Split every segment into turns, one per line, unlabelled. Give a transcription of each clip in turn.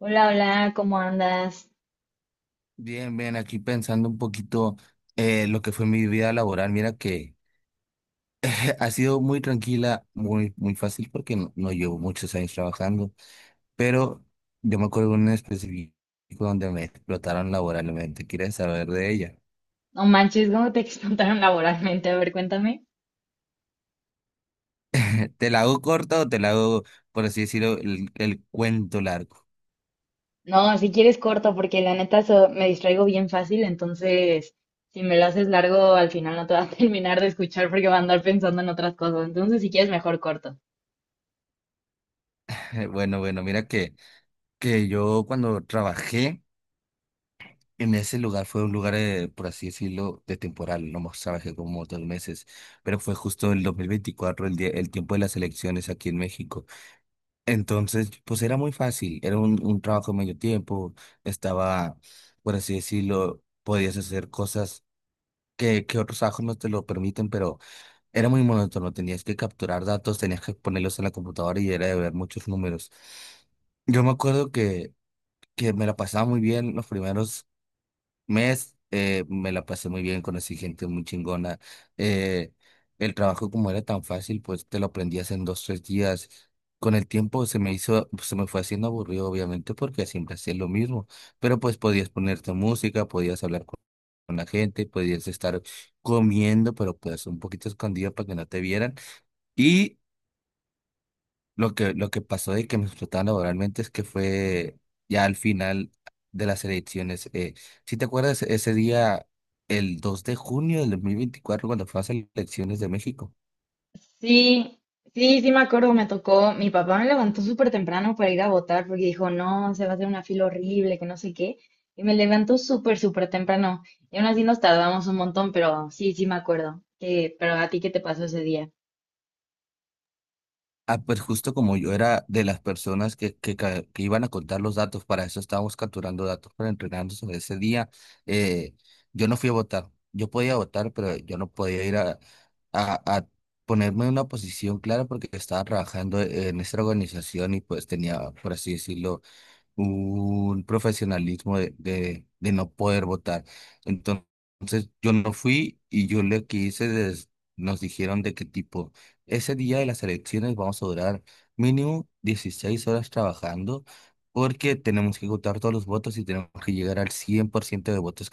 Hola, hola, ¿cómo andas?
Bien, bien, aquí pensando un poquito lo que fue mi vida laboral. Mira que ha sido muy tranquila, muy, muy fácil porque no, no llevo muchos años trabajando, pero yo me acuerdo de un específico donde me explotaron laboralmente. ¿Quieres saber de ella?
No manches, ¿cómo te explotaron laboralmente? A ver, cuéntame.
¿Te la hago corta o te la hago, por así decirlo, el cuento largo?
No, si quieres corto, porque la neta me distraigo bien fácil, entonces si me lo haces largo, al final no te va a terminar de escuchar porque va a andar pensando en otras cosas. Entonces, si quieres, mejor corto.
Bueno, bueno, mira que, yo cuando trabajé... En ese lugar fue un lugar, por así decirlo, de temporal, no más trabajé como 2 meses, pero fue justo el 2024, el día, el tiempo de las elecciones aquí en México. Entonces, pues era muy fácil, era un trabajo de medio tiempo, estaba, por así decirlo, podías hacer cosas que, otros trabajos no te lo permiten, pero era muy monótono, tenías que capturar datos, tenías que ponerlos en la computadora y era de ver muchos números. Yo me acuerdo que, me la pasaba muy bien los primeros mes, me la pasé muy bien, conocí gente muy chingona. eh, el trabajo como era tan fácil, pues te lo aprendías en dos, tres días. Con el tiempo se me hizo, pues, se me fue haciendo aburrido, obviamente, porque siempre hacía lo mismo. Pero pues podías ponerte música, podías hablar con la gente, podías estar comiendo, pero pues un poquito escondido para que no te vieran. Lo que, pasó y que me explotaban laboralmente es que fue ya al final de las elecciones. ¿ Si te acuerdas ese día, el 2 de junio de 2024, cuando fue las elecciones de México?
Sí, sí, sí me acuerdo, me tocó. Mi papá me levantó súper temprano para ir a votar porque dijo, no, se va a hacer una fila horrible, que no sé qué. Y me levantó súper, súper temprano. Y aún así nos tardamos un montón, pero sí, sí me acuerdo, que pero a ti, ¿qué te pasó ese día?
Ah, pues justo como yo era de las personas que, que iban a contar los datos, para eso estábamos capturando datos para entrenarnos sobre ese día. eh, yo no fui a votar. Yo podía votar, pero yo no podía ir a, a, a ponerme en una posición clara porque estaba trabajando en esta organización y pues tenía, por así decirlo, un profesionalismo de, no poder votar. Entonces, yo no fui y yo le que des- nos dijeron de qué tipo, ese día de las elecciones vamos a durar mínimo 16 horas trabajando porque tenemos que contar todos los votos y tenemos que llegar al 100% de votos.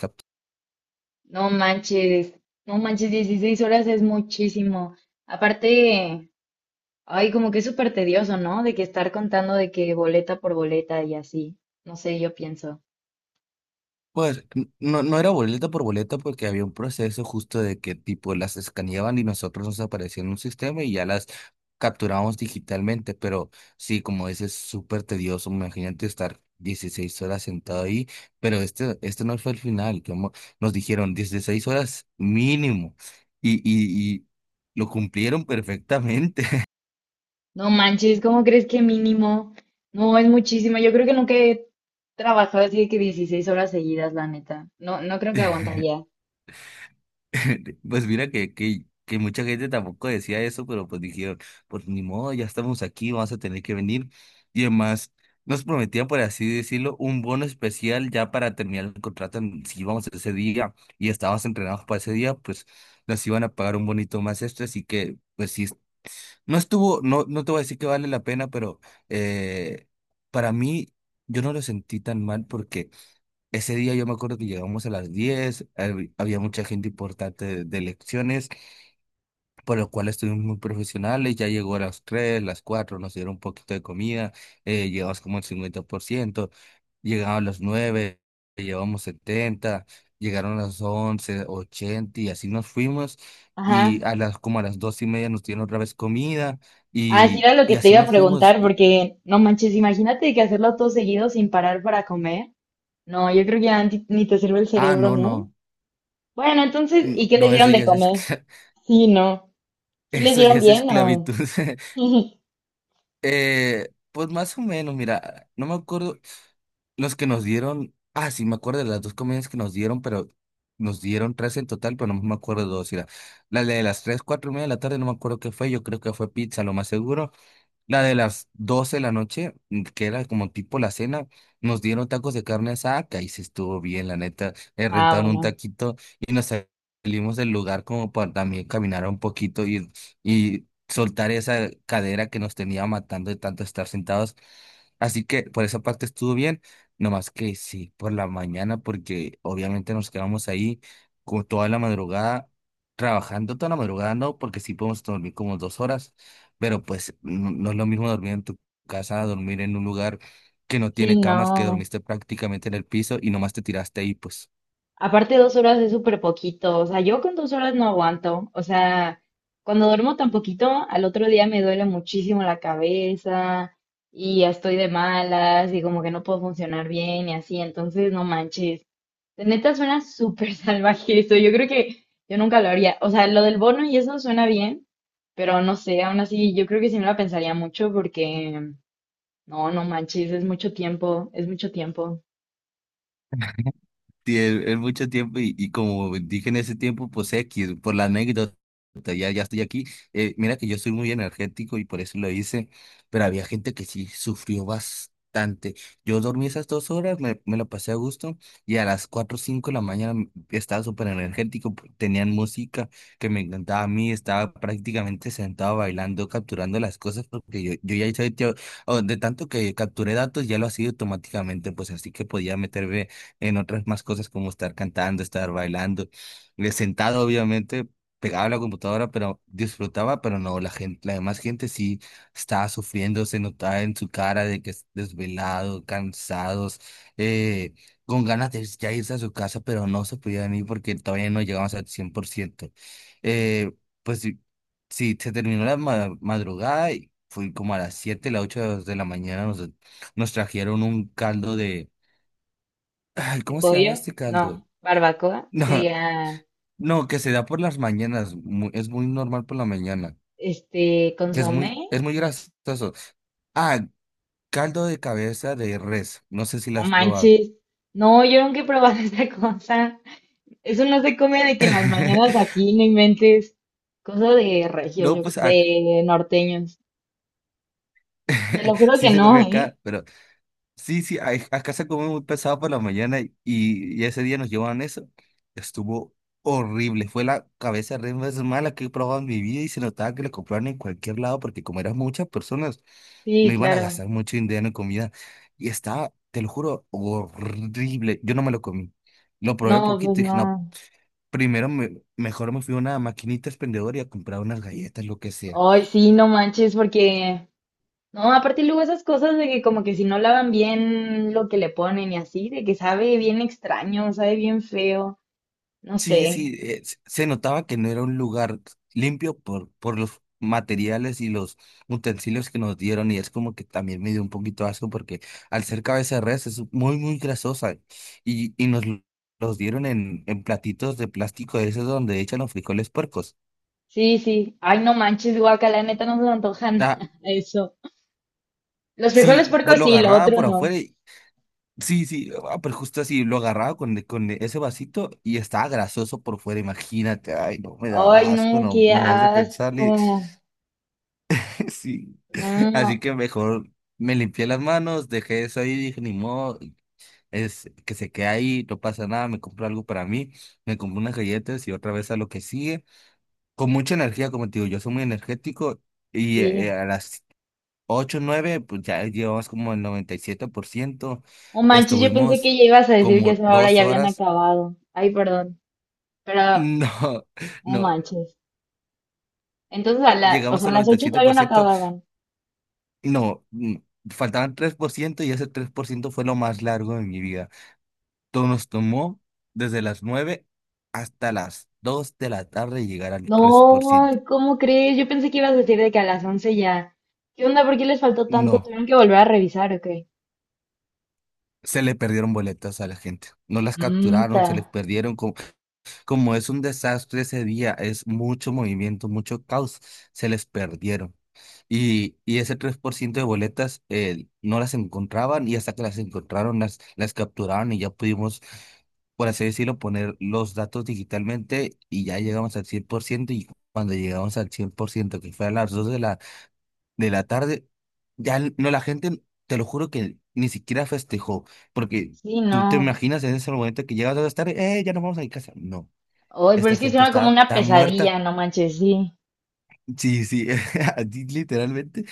No manches, no manches, 16 horas es muchísimo. Aparte, ay, como que es súper tedioso, ¿no? De que estar contando de que boleta por boleta y así. No sé, yo pienso.
Pues no, no era boleta por boleta porque había un proceso justo de que tipo las escaneaban y nosotros nos aparecían en un sistema y ya las capturábamos digitalmente, pero sí, como dices, súper tedioso, imagínate estar 16 horas sentado ahí, pero este no fue el final, como nos dijeron 16 horas mínimo y lo cumplieron perfectamente.
No manches, ¿cómo crees que mínimo? No, es muchísimo. Yo creo que nunca he trabajado así de que 16 horas seguidas, la neta. No, no creo que aguantaría.
Pues mira que, mucha gente tampoco decía eso, pero pues dijeron, pues ni modo, ya estamos aquí, vamos a tener que venir. Y además nos prometían, por así decirlo, un bono especial ya para terminar el contrato si íbamos ese día y estábamos entrenados para ese día, pues nos iban a pagar un bonito más extra, así que pues sí, no estuvo, no, no te voy a decir que vale la pena, pero eh, para mí yo no lo sentí tan mal porque... Ese día yo me acuerdo que llegamos a las 10, había mucha gente importante de elecciones, por lo cual estuvimos muy profesionales. Ya llegó a las 3, las 4 nos dieron un poquito de comida. Llegamos como al 50%, llegaron a las 9, llevamos 70, llegaron a las 11, 80, y así nos fuimos,
Ajá.
y a las, como a las 2:30, nos dieron otra vez comida
Así era lo
y
que te
así
iba a
nos fuimos.
preguntar, porque no manches, imagínate que hacerlo todo seguido sin parar para comer. No, yo creo que ya ni te sirve el
Ah,
cerebro,
no,
¿no?
no,
Bueno, entonces, ¿y
no,
qué les
no, eso
dieron de
ya es,
comer?
escla-
Sí, no. ¿Sí les
eso ya
dieron
es
bien o...?
esclavitud. Pues más o menos, mira, no me acuerdo los que nos dieron, ah, sí, me acuerdo de las dos comidas que nos dieron, pero nos dieron tres en total, pero no me acuerdo de dos. Mira, la de las 3, 4:30 de la tarde, no me acuerdo qué fue, yo creo que fue pizza, lo más seguro. La de las 12 de la noche, que era como tipo la cena, nos dieron tacos de carne asada, que ahí sí estuvo bien, la neta.
Ah,
Rentaron un
bueno.
taquito y nos salimos del lugar como para también caminar un poquito y soltar esa cadera que nos tenía matando de tanto estar sentados. Así que por esa parte estuvo bien, nomás que sí, por la mañana, porque obviamente nos quedamos ahí con toda la madrugada, trabajando toda la madrugada, no, porque sí podemos dormir como 2 horas, pero pues no, no es lo mismo dormir en tu casa a dormir en un lugar que no
Sí,
tiene camas, que
no.
dormiste prácticamente en el piso y nomás te tiraste ahí, pues.
Aparte, 2 horas es súper poquito. O sea, yo con 2 horas no aguanto. O sea, cuando duermo tan poquito, al otro día me duele muchísimo la cabeza y ya estoy de malas y como que no puedo funcionar bien y así. Entonces, no manches. De neta suena súper salvaje eso. Yo creo que yo nunca lo haría. O sea, lo del bono y eso suena bien, pero no sé, aún así yo creo que sí me la pensaría mucho porque no, no manches, es mucho tiempo, es mucho tiempo.
Sí, es mucho tiempo y como dije en ese tiempo, pues X, por la anécdota, ya, ya estoy aquí. Mira que yo soy muy energético y por eso lo hice, pero había gente que sí sufrió bastante. Yo dormí esas 2 horas, me lo pasé a gusto, y a las 4 o 5 de la mañana estaba súper energético. Tenían música que me encantaba a mí, estaba prácticamente sentado bailando, capturando las cosas, porque yo ya hice, o de tanto que capturé datos, ya lo hacía automáticamente, pues, así que podía meterme en otras más cosas como estar cantando, estar bailando, sentado obviamente, pegado a la computadora, pero disfrutaba. Pero no, la gente, la demás gente sí estaba sufriendo, se notaba en su cara de que es desvelado, cansados, eh, con ganas de ya irse a su casa, pero no se podían ir porque todavía no llegamos al 100%. Eh, pues sí, sí, se terminó la madrugada y fui como a las 7, las 8 de la mañana, nos trajeron un caldo. Ay,
¿De
¿cómo se llama
pollo?
este
No,
caldo?
barbacoa, que
No,
diga,
no, que se da por las mañanas. Es muy normal por la mañana. Que
consomé,
es muy grasoso. Ah, caldo de cabeza de res. No sé si lo
no
has probado.
manches. No, yo nunca he probado esa cosa. Eso no se come de que en las mañanas aquí no inventes. Cosa de regios,
No, pues
de norteños. Te lo juro que
sí se come
no, ¿eh?
acá, pero... Sí, sí, acá se come muy pesado por la mañana, y ese día nos llevaban eso. Estuvo horrible, fue la cabeza re más mala que he probado en mi vida y se notaba que la compraban en cualquier lado porque como eran muchas personas, no
Sí,
iban a
claro.
gastar mucho dinero en comida y estaba, te lo juro, horrible. Yo no me lo comí, lo
No,
probé
pues
poquito y dije,
no.
no, primero mejor me fui a una maquinita expendedora y a comprar unas galletas, lo que sea.
Ay, sí, no manches, porque, no, aparte luego esas cosas de que como que si no lavan bien lo que le ponen y así, de que sabe bien extraño, sabe bien feo, no
Sí,
sé.
sí, se notaba que no era un lugar limpio por, los materiales y los utensilios que nos dieron, y es como que también me dio un poquito asco porque al ser cabeza de res es muy, muy grasosa y los dieron en, platitos de plástico, de esos donde echan los frijoles puercos.
Sí, sí. Ay, no manches, guaca, la neta no se me antojan
Ah,
eso. Los frijoles
sí, pues
puercos
lo
sí, lo
agarraba
otro
por
no.
afuera sí, sí, ah, pero justo así, lo agarraba con ese vasito y estaba grasoso por fuera, imagínate, ay, no, me
Ay,
daba asco,
no,
no,
qué
no más de
asco.
pensarle, sí. Así
No,
que mejor me limpié las manos, dejé eso ahí, dije, ni modo, es que se quede ahí, no pasa nada, me compro algo para mí, me compro unas galletas y otra vez a lo que sigue. Con mucha energía, como te digo, yo soy muy energético, y
sí.
a las ocho, nueve, pues ya llevamos como el 97%.
No manches, yo pensé
Estuvimos
que ya ibas a decir que
como
eso ahora
dos
ya habían
horas.
acabado. Ay, perdón, pero
No,
no
no,
manches. Entonces, o
llegamos
sea, a
al
las
noventa y
8
siete
todavía
por
no
ciento
acababan.
No, faltaban 3% y ese 3% fue lo más largo de mi vida. Nos tomó desde las 9 hasta las 2 de la tarde llegar al 3%.
No, ¿cómo crees? Yo pensé que ibas a decir de que a las 11 ya. ¿Qué onda? ¿Por qué les faltó tanto?
No,
¿Tuvieron que volver a revisar o qué?
se le perdieron boletas a la gente. No las
Mm,
capturaron,
ta.
se les perdieron. Como, como es un desastre ese día, es mucho movimiento, mucho caos, se les perdieron. Y ese 3% de boletas, no las encontraban, y hasta que las encontraron, las capturaron y ya pudimos, por así decirlo, poner los datos digitalmente y ya llegamos al 100%, y cuando llegamos al cien por ciento, que fue a las 2 de la tarde, ya no, la gente, te lo juro que ni siquiera festejó, porque
Sí,
tú te
no.
imaginas en ese momento que llegas a las tarde, ya nos vamos a mi casa. No,
Hoy, pero
esta
es que
gente
suena como
estaba
una
tan muerta.
pesadilla, no manches, sí.
Sí, sí, así literalmente,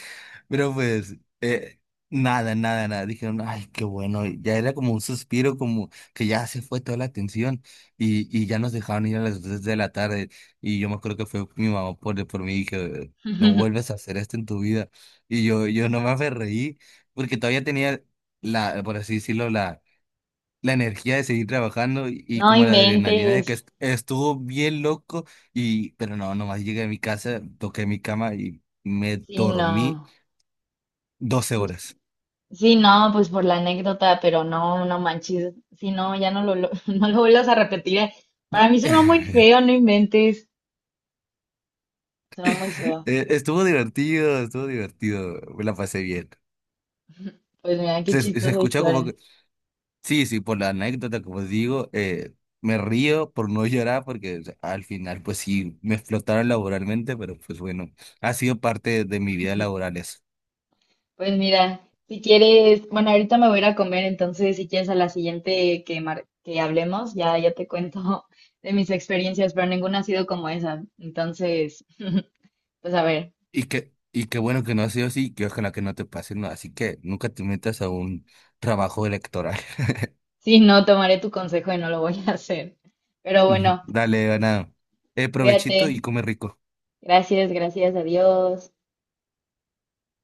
pero pues, eh, nada, nada, nada. Dijeron, ay, qué bueno. Y ya era como un suspiro, como que ya se fue toda la atención. Y ya nos dejaron ir a las 3 de la tarde. Y yo me acuerdo que fue mi mamá por mí y que no vuelves a hacer esto en tu vida. Y yo no me aferreí, porque todavía tenía la, por así decirlo, la energía de seguir trabajando, y
No
como la adrenalina de que
inventes.
estuvo bien loco. Pero no, nomás llegué a mi casa, toqué mi cama y me
Sí,
dormí
no.
Doce
Pues,
horas.
sí, no, pues por la anécdota, pero no, no manches. Sí, no, ya no lo vuelvas a repetir. Para mí suena muy feo, no inventes. Suena muy feo.
Estuvo divertido, me la pasé bien.
Pues mira, qué
Se
chistosa
escuchó como
historia.
que, sí, sí, por la anécdota, como digo, me río por no llorar porque, o sea, al final, pues sí, me explotaron laboralmente, pero pues bueno, ha sido parte de mi vida laboral eso.
Pues mira, si quieres, bueno, ahorita me voy a ir a comer, entonces si quieres a la siguiente que, que hablemos, ya te cuento de mis experiencias, pero ninguna ha sido como esa. Entonces, pues a ver,
Y qué bueno que no ha sido así, que ojalá que no te pase, ¿no? Así que nunca te metas a un trabajo electoral.
sí, no, tomaré tu consejo y no lo voy a hacer. Pero bueno,
Dale, Ana, provechito y
cuídate.
come rico.
Gracias, gracias, adiós.